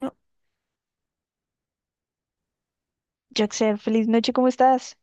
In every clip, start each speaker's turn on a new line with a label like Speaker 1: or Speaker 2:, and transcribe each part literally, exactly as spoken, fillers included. Speaker 1: No, Jackson, feliz noche, ¿cómo estás?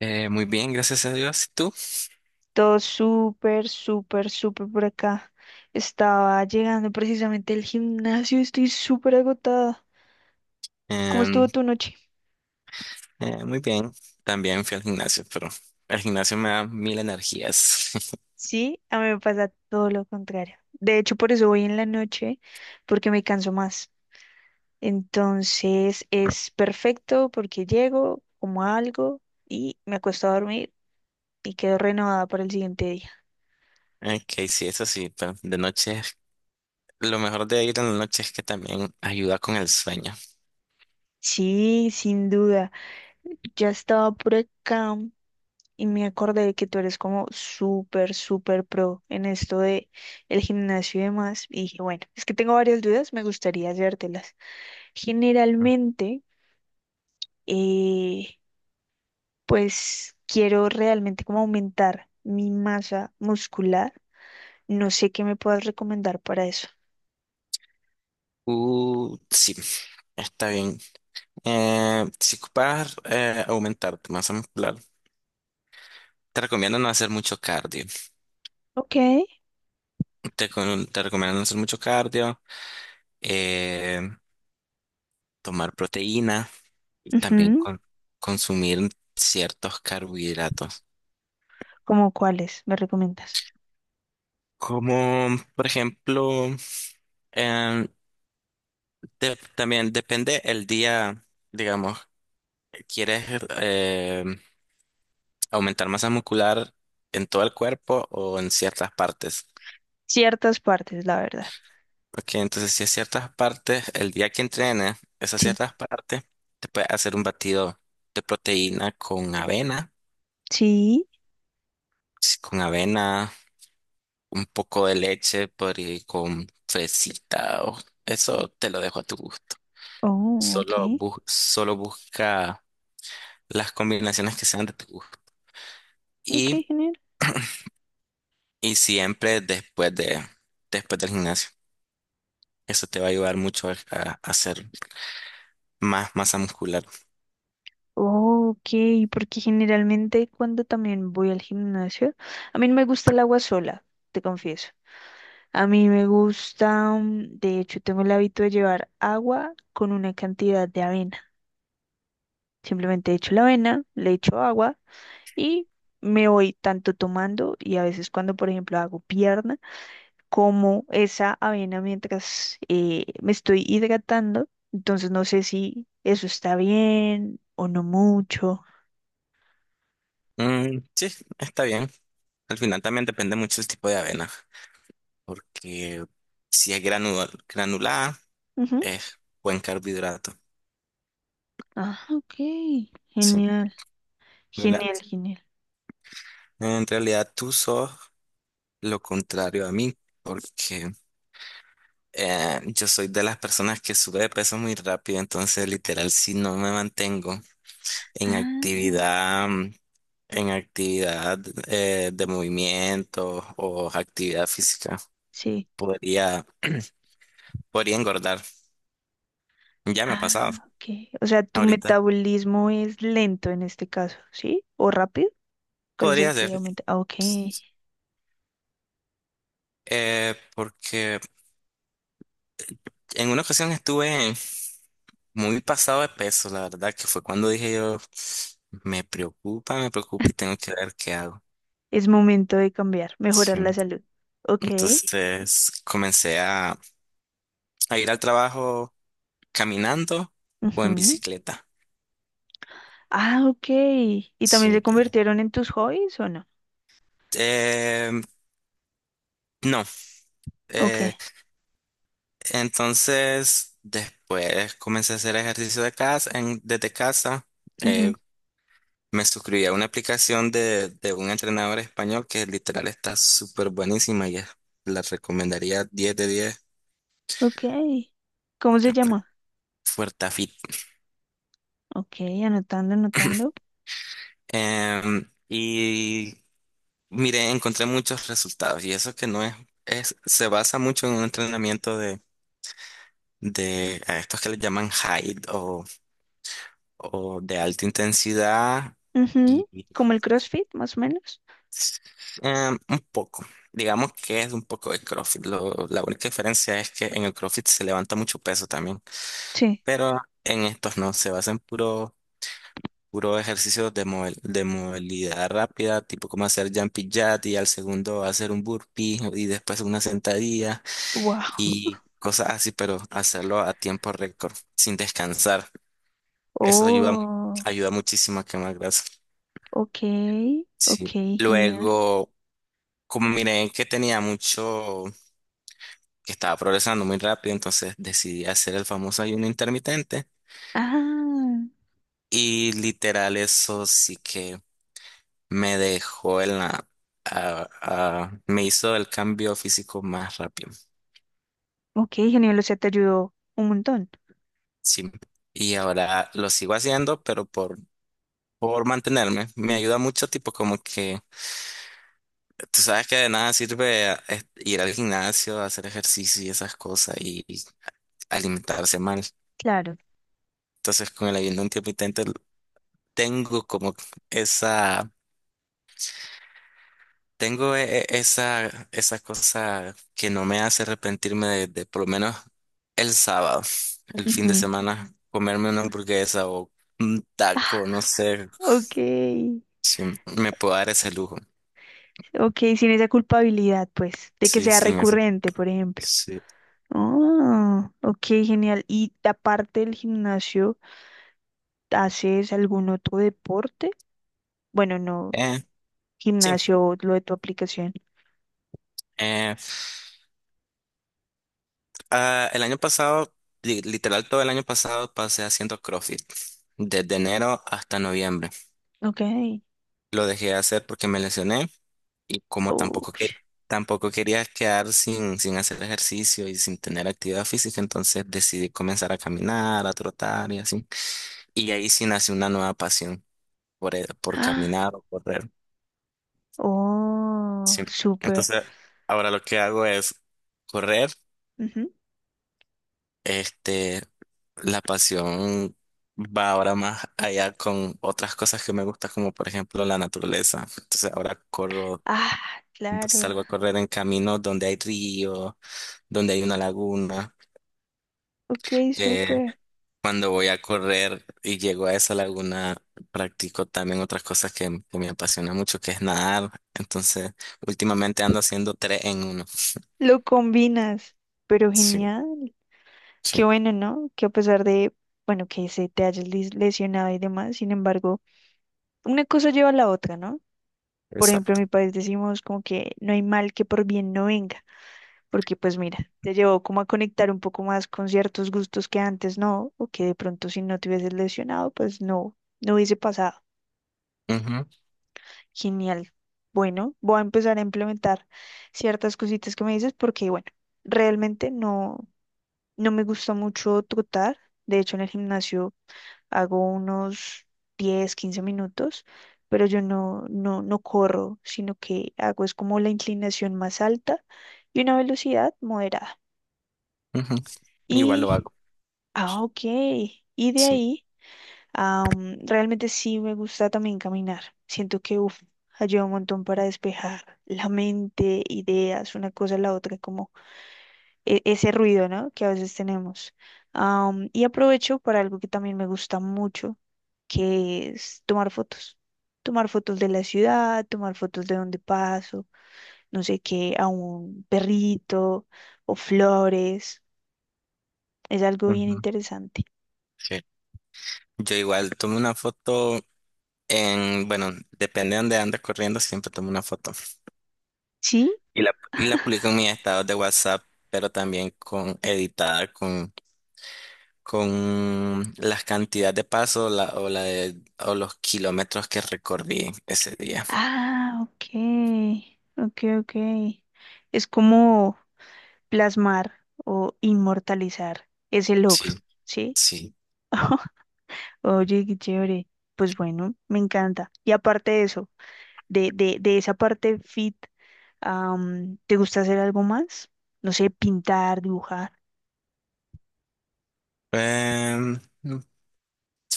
Speaker 2: Eh, muy bien, gracias a Dios. ¿Y tú?
Speaker 1: Todo súper, súper, súper por acá. Estaba llegando precisamente del gimnasio, estoy súper agotada. ¿Cómo
Speaker 2: Em,
Speaker 1: estuvo tu noche?
Speaker 2: eh, Muy bien. También fui al gimnasio, pero el gimnasio me da mil energías.
Speaker 1: Sí, a mí me pasa todo lo contrario. De hecho, por eso voy en la noche, porque me canso más. Entonces es perfecto porque llego, como algo y me acuesto a dormir y quedo renovada para el siguiente día.
Speaker 2: Ok, sí, eso sí, pero de noche, lo mejor de ir en la noche es que también ayuda con el sueño.
Speaker 1: Sí, sin duda. Ya estaba por acá y me acordé que tú eres como súper, súper pro en esto de el gimnasio y demás. Y dije, bueno, es que tengo varias dudas, me gustaría hacértelas. Generalmente, eh, pues quiero realmente como aumentar mi masa muscular. No sé qué me puedas recomendar para eso.
Speaker 2: Uh, sí, está bien. Eh, si ocupas eh, aumentar tu masa muscular, te recomiendo no hacer mucho cardio.
Speaker 1: Ok.
Speaker 2: Te, con- te recomiendo no hacer mucho cardio, eh, tomar proteína. También
Speaker 1: Ujú.
Speaker 2: con- consumir ciertos carbohidratos.
Speaker 1: ¿Cómo cuáles me recomiendas?
Speaker 2: Como por ejemplo, em, de- también depende el día, digamos, ¿quieres eh, aumentar masa muscular en todo el cuerpo o en ciertas partes?
Speaker 1: Ciertas partes, la verdad.
Speaker 2: Porque entonces si es ciertas partes, el día que entrenes esas
Speaker 1: Sí.
Speaker 2: ciertas partes, te puedes hacer un batido de proteína con avena,
Speaker 1: Sí.
Speaker 2: sí, con avena un poco de leche por ahí con fresita o eso te lo dejo a tu gusto.
Speaker 1: Oh, ok.
Speaker 2: Solo, bu- solo busca las combinaciones que sean de tu gusto.
Speaker 1: Ok,
Speaker 2: Y,
Speaker 1: genial.
Speaker 2: y siempre después de, después del gimnasio. Eso te va a ayudar mucho a, a hacer más masa muscular.
Speaker 1: Oh, ok, porque generalmente cuando también voy al gimnasio, a mí no me gusta el agua sola, te confieso. A mí me gusta, mm, de hecho, tengo el hábito de llevar agua con una cantidad de avena. Simplemente echo la avena, le echo agua y me voy tanto tomando y a veces cuando, por ejemplo, hago pierna, como esa avena mientras eh, me estoy hidratando. Entonces no sé si eso está bien o no mucho.
Speaker 2: Mm, sí, está bien. Al final también depende mucho el tipo de avena, porque si es granu- granulada, es buen carbohidrato.
Speaker 1: Ah, ok.
Speaker 2: Sí,
Speaker 1: Genial, genial,
Speaker 2: granulada.
Speaker 1: genial.
Speaker 2: En realidad tú sos lo contrario a mí, porque eh, yo soy de las personas que sube de peso muy rápido, entonces literal si no me mantengo en
Speaker 1: Ah,
Speaker 2: actividad, mm, en actividad eh, de movimiento o actividad física,
Speaker 1: sí.
Speaker 2: podría, podría engordar. Ya me ha
Speaker 1: Ah,
Speaker 2: pasado
Speaker 1: ok. O sea, tu
Speaker 2: ahorita.
Speaker 1: metabolismo es lento en este caso, ¿sí? ¿O rápido? ¿Cuál es
Speaker 2: Podría
Speaker 1: el
Speaker 2: ser.
Speaker 1: que aumenta? Ah, ok.
Speaker 2: Eh, porque en una ocasión estuve muy pasado de peso, la verdad, que fue cuando dije yo, me preocupa, me preocupa y tengo que ver qué hago.
Speaker 1: Es momento de cambiar, mejorar
Speaker 2: Sí.
Speaker 1: la salud. Ok.
Speaker 2: Entonces comencé a, a ir al trabajo caminando o en
Speaker 1: Ujú.
Speaker 2: bicicleta.
Speaker 1: Ah, ok. ¿Y también se
Speaker 2: Sí.
Speaker 1: convirtieron en tus hobbies o no?
Speaker 2: Eh, no. Eh,
Speaker 1: Ok.
Speaker 2: entonces después comencé a hacer ejercicio de casa, en- desde casa. Eh,
Speaker 1: Ujú.
Speaker 2: Me suscribí a una aplicación de, de un entrenador español que literal está súper buenísima y es- la recomendaría diez de diez.
Speaker 1: Ok. ¿Cómo se llama?
Speaker 2: Fuertafit.
Speaker 1: Ok, anotando, anotando.
Speaker 2: Em, y Mire, encontré muchos resultados y eso que no es, es se basa mucho en un entrenamiento de, de a estos que le llaman HIIT o, o de alta intensidad y
Speaker 1: Ujú. Como el CrossFit, más o menos.
Speaker 2: em, un poco, digamos que es un poco de CrossFit. Lo- la única diferencia es que en el CrossFit se levanta mucho peso también,
Speaker 1: Sí.
Speaker 2: pero en estos no, se basa en puro, puro ejercicios de, movel- de movilidad rápida, tipo como hacer jumpy jack y al segundo hacer un burpee y después una sentadilla.
Speaker 1: Wow.
Speaker 2: Y cosas así, pero hacerlo a tiempo récord, sin descansar. Eso ayuda,
Speaker 1: Oh,
Speaker 2: ayuda muchísimo a quemar grasa.
Speaker 1: ok, ok,
Speaker 2: Sí.
Speaker 1: genial.
Speaker 2: Luego, como miré que tenía mucho, que estaba progresando muy rápido, entonces decidí hacer el famoso ayuno intermitente.
Speaker 1: Ah,
Speaker 2: Y literal eso sí que me dejó en la... a- a- me hizo el cambio físico más rápido.
Speaker 1: ok, genial, o sea, te ayudó un montón.
Speaker 2: Sí. Y ahora lo sigo haciendo, pero por, por mantenerme. Me ayuda mucho, tipo como que tú sabes que de nada sirve eh, ir al gimnasio, hacer ejercicio y esas cosas y alimentarse mal.
Speaker 1: Claro.
Speaker 2: Entonces, con el ayuno intermitente tengo como esa, tengo e- e- esa, esa cosa que no me hace arrepentirme de, de por lo menos el sábado, el fin de
Speaker 1: Ujú.
Speaker 2: semana, comerme una hamburguesa o un taco, no sé
Speaker 1: Ok,
Speaker 2: si me puedo dar ese lujo.
Speaker 1: ok, sin esa culpabilidad, pues, de que
Speaker 2: Sí,
Speaker 1: sea
Speaker 2: sí, eso.
Speaker 1: recurrente, por ejemplo.
Speaker 2: Sí.
Speaker 1: Oh, ok, genial. ¿Y aparte del gimnasio, haces algún otro deporte? Bueno, no,
Speaker 2: Eh, sí.
Speaker 1: gimnasio, lo de tu aplicación.
Speaker 2: eh, Ah, el año pasado, li- literal todo el año pasado, pasé haciendo CrossFit, desde enero hasta noviembre.
Speaker 1: Ok.
Speaker 2: Lo dejé de hacer porque me lesioné y como
Speaker 1: Oh,
Speaker 2: tampoco, que-
Speaker 1: sh-
Speaker 2: tampoco quería quedar sin, sin hacer ejercicio y sin tener actividad física, entonces decidí comenzar a caminar, a trotar y así. Y ahí sí nació una nueva pasión por, e- por
Speaker 1: ah,
Speaker 2: caminar o correr.
Speaker 1: oh,
Speaker 2: Sí.
Speaker 1: súper.
Speaker 2: Entonces, ahora lo que hago es correr.
Speaker 1: Ujú.
Speaker 2: Este, la pasión va ahora más allá con otras cosas que me gustan, como por ejemplo la naturaleza. Entonces ahora corro,
Speaker 1: Ah, claro.
Speaker 2: salgo a correr en caminos donde hay río, donde hay una laguna.
Speaker 1: Ok,
Speaker 2: Eh,
Speaker 1: súper.
Speaker 2: Cuando voy a correr y llego a esa laguna, practico también otras cosas que, que me apasiona mucho, que es nadar. Entonces, últimamente ando haciendo tres en uno.
Speaker 1: Lo combinas, pero
Speaker 2: Sí,
Speaker 1: genial. Qué
Speaker 2: sí,
Speaker 1: bueno, ¿no? Que a pesar de, bueno, que se te hayas lis- lesionado y demás, sin embargo, una cosa lleva a la otra, ¿no? Por ejemplo, en
Speaker 2: exacto.
Speaker 1: mi país decimos como que no hay mal que por bien no venga, porque pues mira, te llevó como a conectar un poco más con ciertos gustos que antes no, o que de pronto si no te hubieses lesionado, pues no, no hubiese pasado.
Speaker 2: Ujú,
Speaker 1: Genial. Bueno, voy a empezar a implementar ciertas cositas que me dices porque, bueno, realmente no. No me gusta mucho trotar. De hecho, en el gimnasio hago unos diez, quince minutos, pero yo no, no, no corro, sino que hago es como la inclinación más alta y una velocidad moderada.
Speaker 2: ujú. Igual lo
Speaker 1: Y,
Speaker 2: hago.
Speaker 1: ah, ok. Y de
Speaker 2: Sí.
Speaker 1: ahí, am, realmente sí me gusta también caminar. Siento que, uf, ayuda un montón para despejar la mente, ideas, una cosa a la otra, como e- ese ruido, ¿no? Que a veces tenemos. Am, y aprovecho para algo que también me gusta mucho, que es tomar fotos. Tomar fotos de la ciudad, tomar fotos de donde paso, no sé qué, a un perrito o flores. Es algo bien
Speaker 2: Ujú,
Speaker 1: interesante.
Speaker 2: sí. Yo igual tomo una foto en, bueno, depende de dónde ande corriendo, siempre tomo una foto.
Speaker 1: ¿Sí?
Speaker 2: Y la, y la publico en mis estados de WhatsApp, pero también con editada, con, con la cantidad de pasos la, o, la de- o los kilómetros que recorrí ese día.
Speaker 1: Ah, ok. Ok, ok. Es como plasmar o inmortalizar ese logro,
Speaker 2: Sí,
Speaker 1: ¿sí?
Speaker 2: sí.
Speaker 1: Oye, qué chévere. Pues bueno, me encanta. Y aparte de eso, de, de, de esa parte fit, am, ¿te gusta hacer algo más? No sé, pintar, dibujar,
Speaker 2: Em,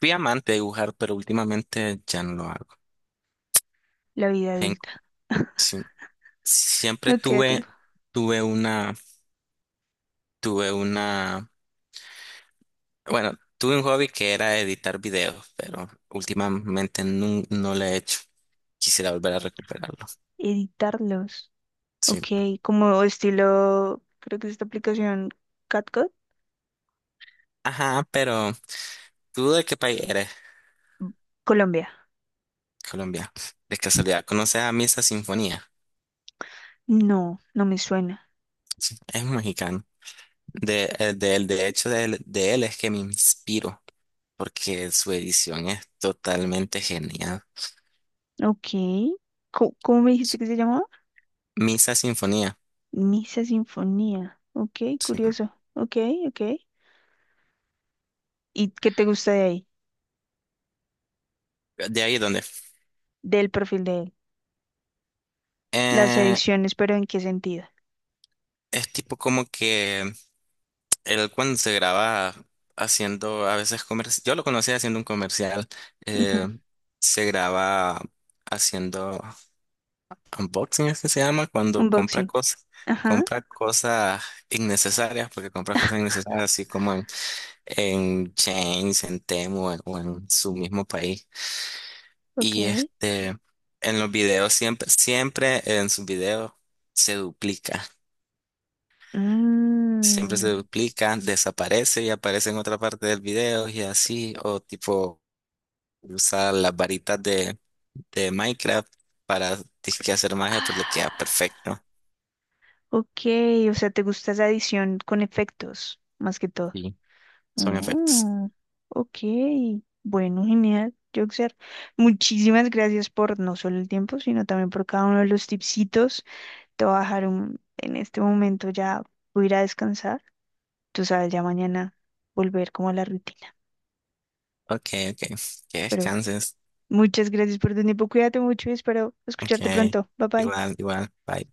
Speaker 2: Fui amante de dibujar, pero últimamente ya no lo hago.
Speaker 1: la vida
Speaker 2: Ten-
Speaker 1: adulta.
Speaker 2: sí. Siempre
Speaker 1: No queda tiempo.
Speaker 2: tuve, tuve una, tuve una. Bueno, tuve un hobby que era editar videos, pero últimamente nun- no, lo he hecho. Quisiera volver a recuperarlo.
Speaker 1: Editarlos.
Speaker 2: Sí.
Speaker 1: Ok, como estilo, creo que es esta aplicación CatCut.
Speaker 2: Ajá, pero ¿tú de qué país eres?
Speaker 1: Colombia.
Speaker 2: Colombia. De casualidad, ¿conoces a Misa Sinfonía?
Speaker 1: No, no me suena.
Speaker 2: Es un mexicano. De, eh, de, él- de hecho, de, él de él es que me inspiro, porque su edición es totalmente genial.
Speaker 1: Ok. Co- ¿Cómo, me dijiste que se llamaba?
Speaker 2: Misa Sinfonía.
Speaker 1: Misa Sinfonía. Ok,
Speaker 2: Sí.
Speaker 1: curioso. Ok, ok. ¿Y qué te gusta de ahí?
Speaker 2: ¿De ahí dónde?
Speaker 1: Del perfil de él. Las
Speaker 2: Eh,
Speaker 1: ediciones, pero ¿en qué sentido?
Speaker 2: es tipo como que él cuando se graba haciendo a veces comercial, yo lo conocía haciendo un comercial,
Speaker 1: Ujú.
Speaker 2: eh, se graba haciendo unboxing, es que se llama, cuando compra
Speaker 1: Unboxing.
Speaker 2: cosas,
Speaker 1: Ajá,
Speaker 2: compra cosas innecesarias, porque compra cosas innecesarias así como en, en Chains, en Temu en- o en su mismo país. Y
Speaker 1: ok.
Speaker 2: este, en los videos siempre, siempre, en sus videos se duplica. Siempre se
Speaker 1: Mm.
Speaker 2: duplica, desaparece y aparece en otra parte del video y así, o tipo usar las varitas de, de Minecraft para disque hacer magia, pues le queda
Speaker 1: Ah,
Speaker 2: perfecto.
Speaker 1: ok, o sea, te gusta esa edición con efectos, más que todo.
Speaker 2: Y son efectos.
Speaker 1: Mm, ok, bueno, genial, Joxer. Muchísimas gracias por no solo el tiempo, sino también por cada uno de los tipsitos. Te voy a dejar un- en este momento ya, voy a ir a descansar. Tú sabes, ya mañana volver como a la rutina.
Speaker 2: Ok, ok, que
Speaker 1: Pero
Speaker 2: descanses.
Speaker 1: muchas gracias por tu tiempo. Cuídate mucho y espero
Speaker 2: Ok,
Speaker 1: escucharte pronto. Bye bye.
Speaker 2: igual, igual, bye.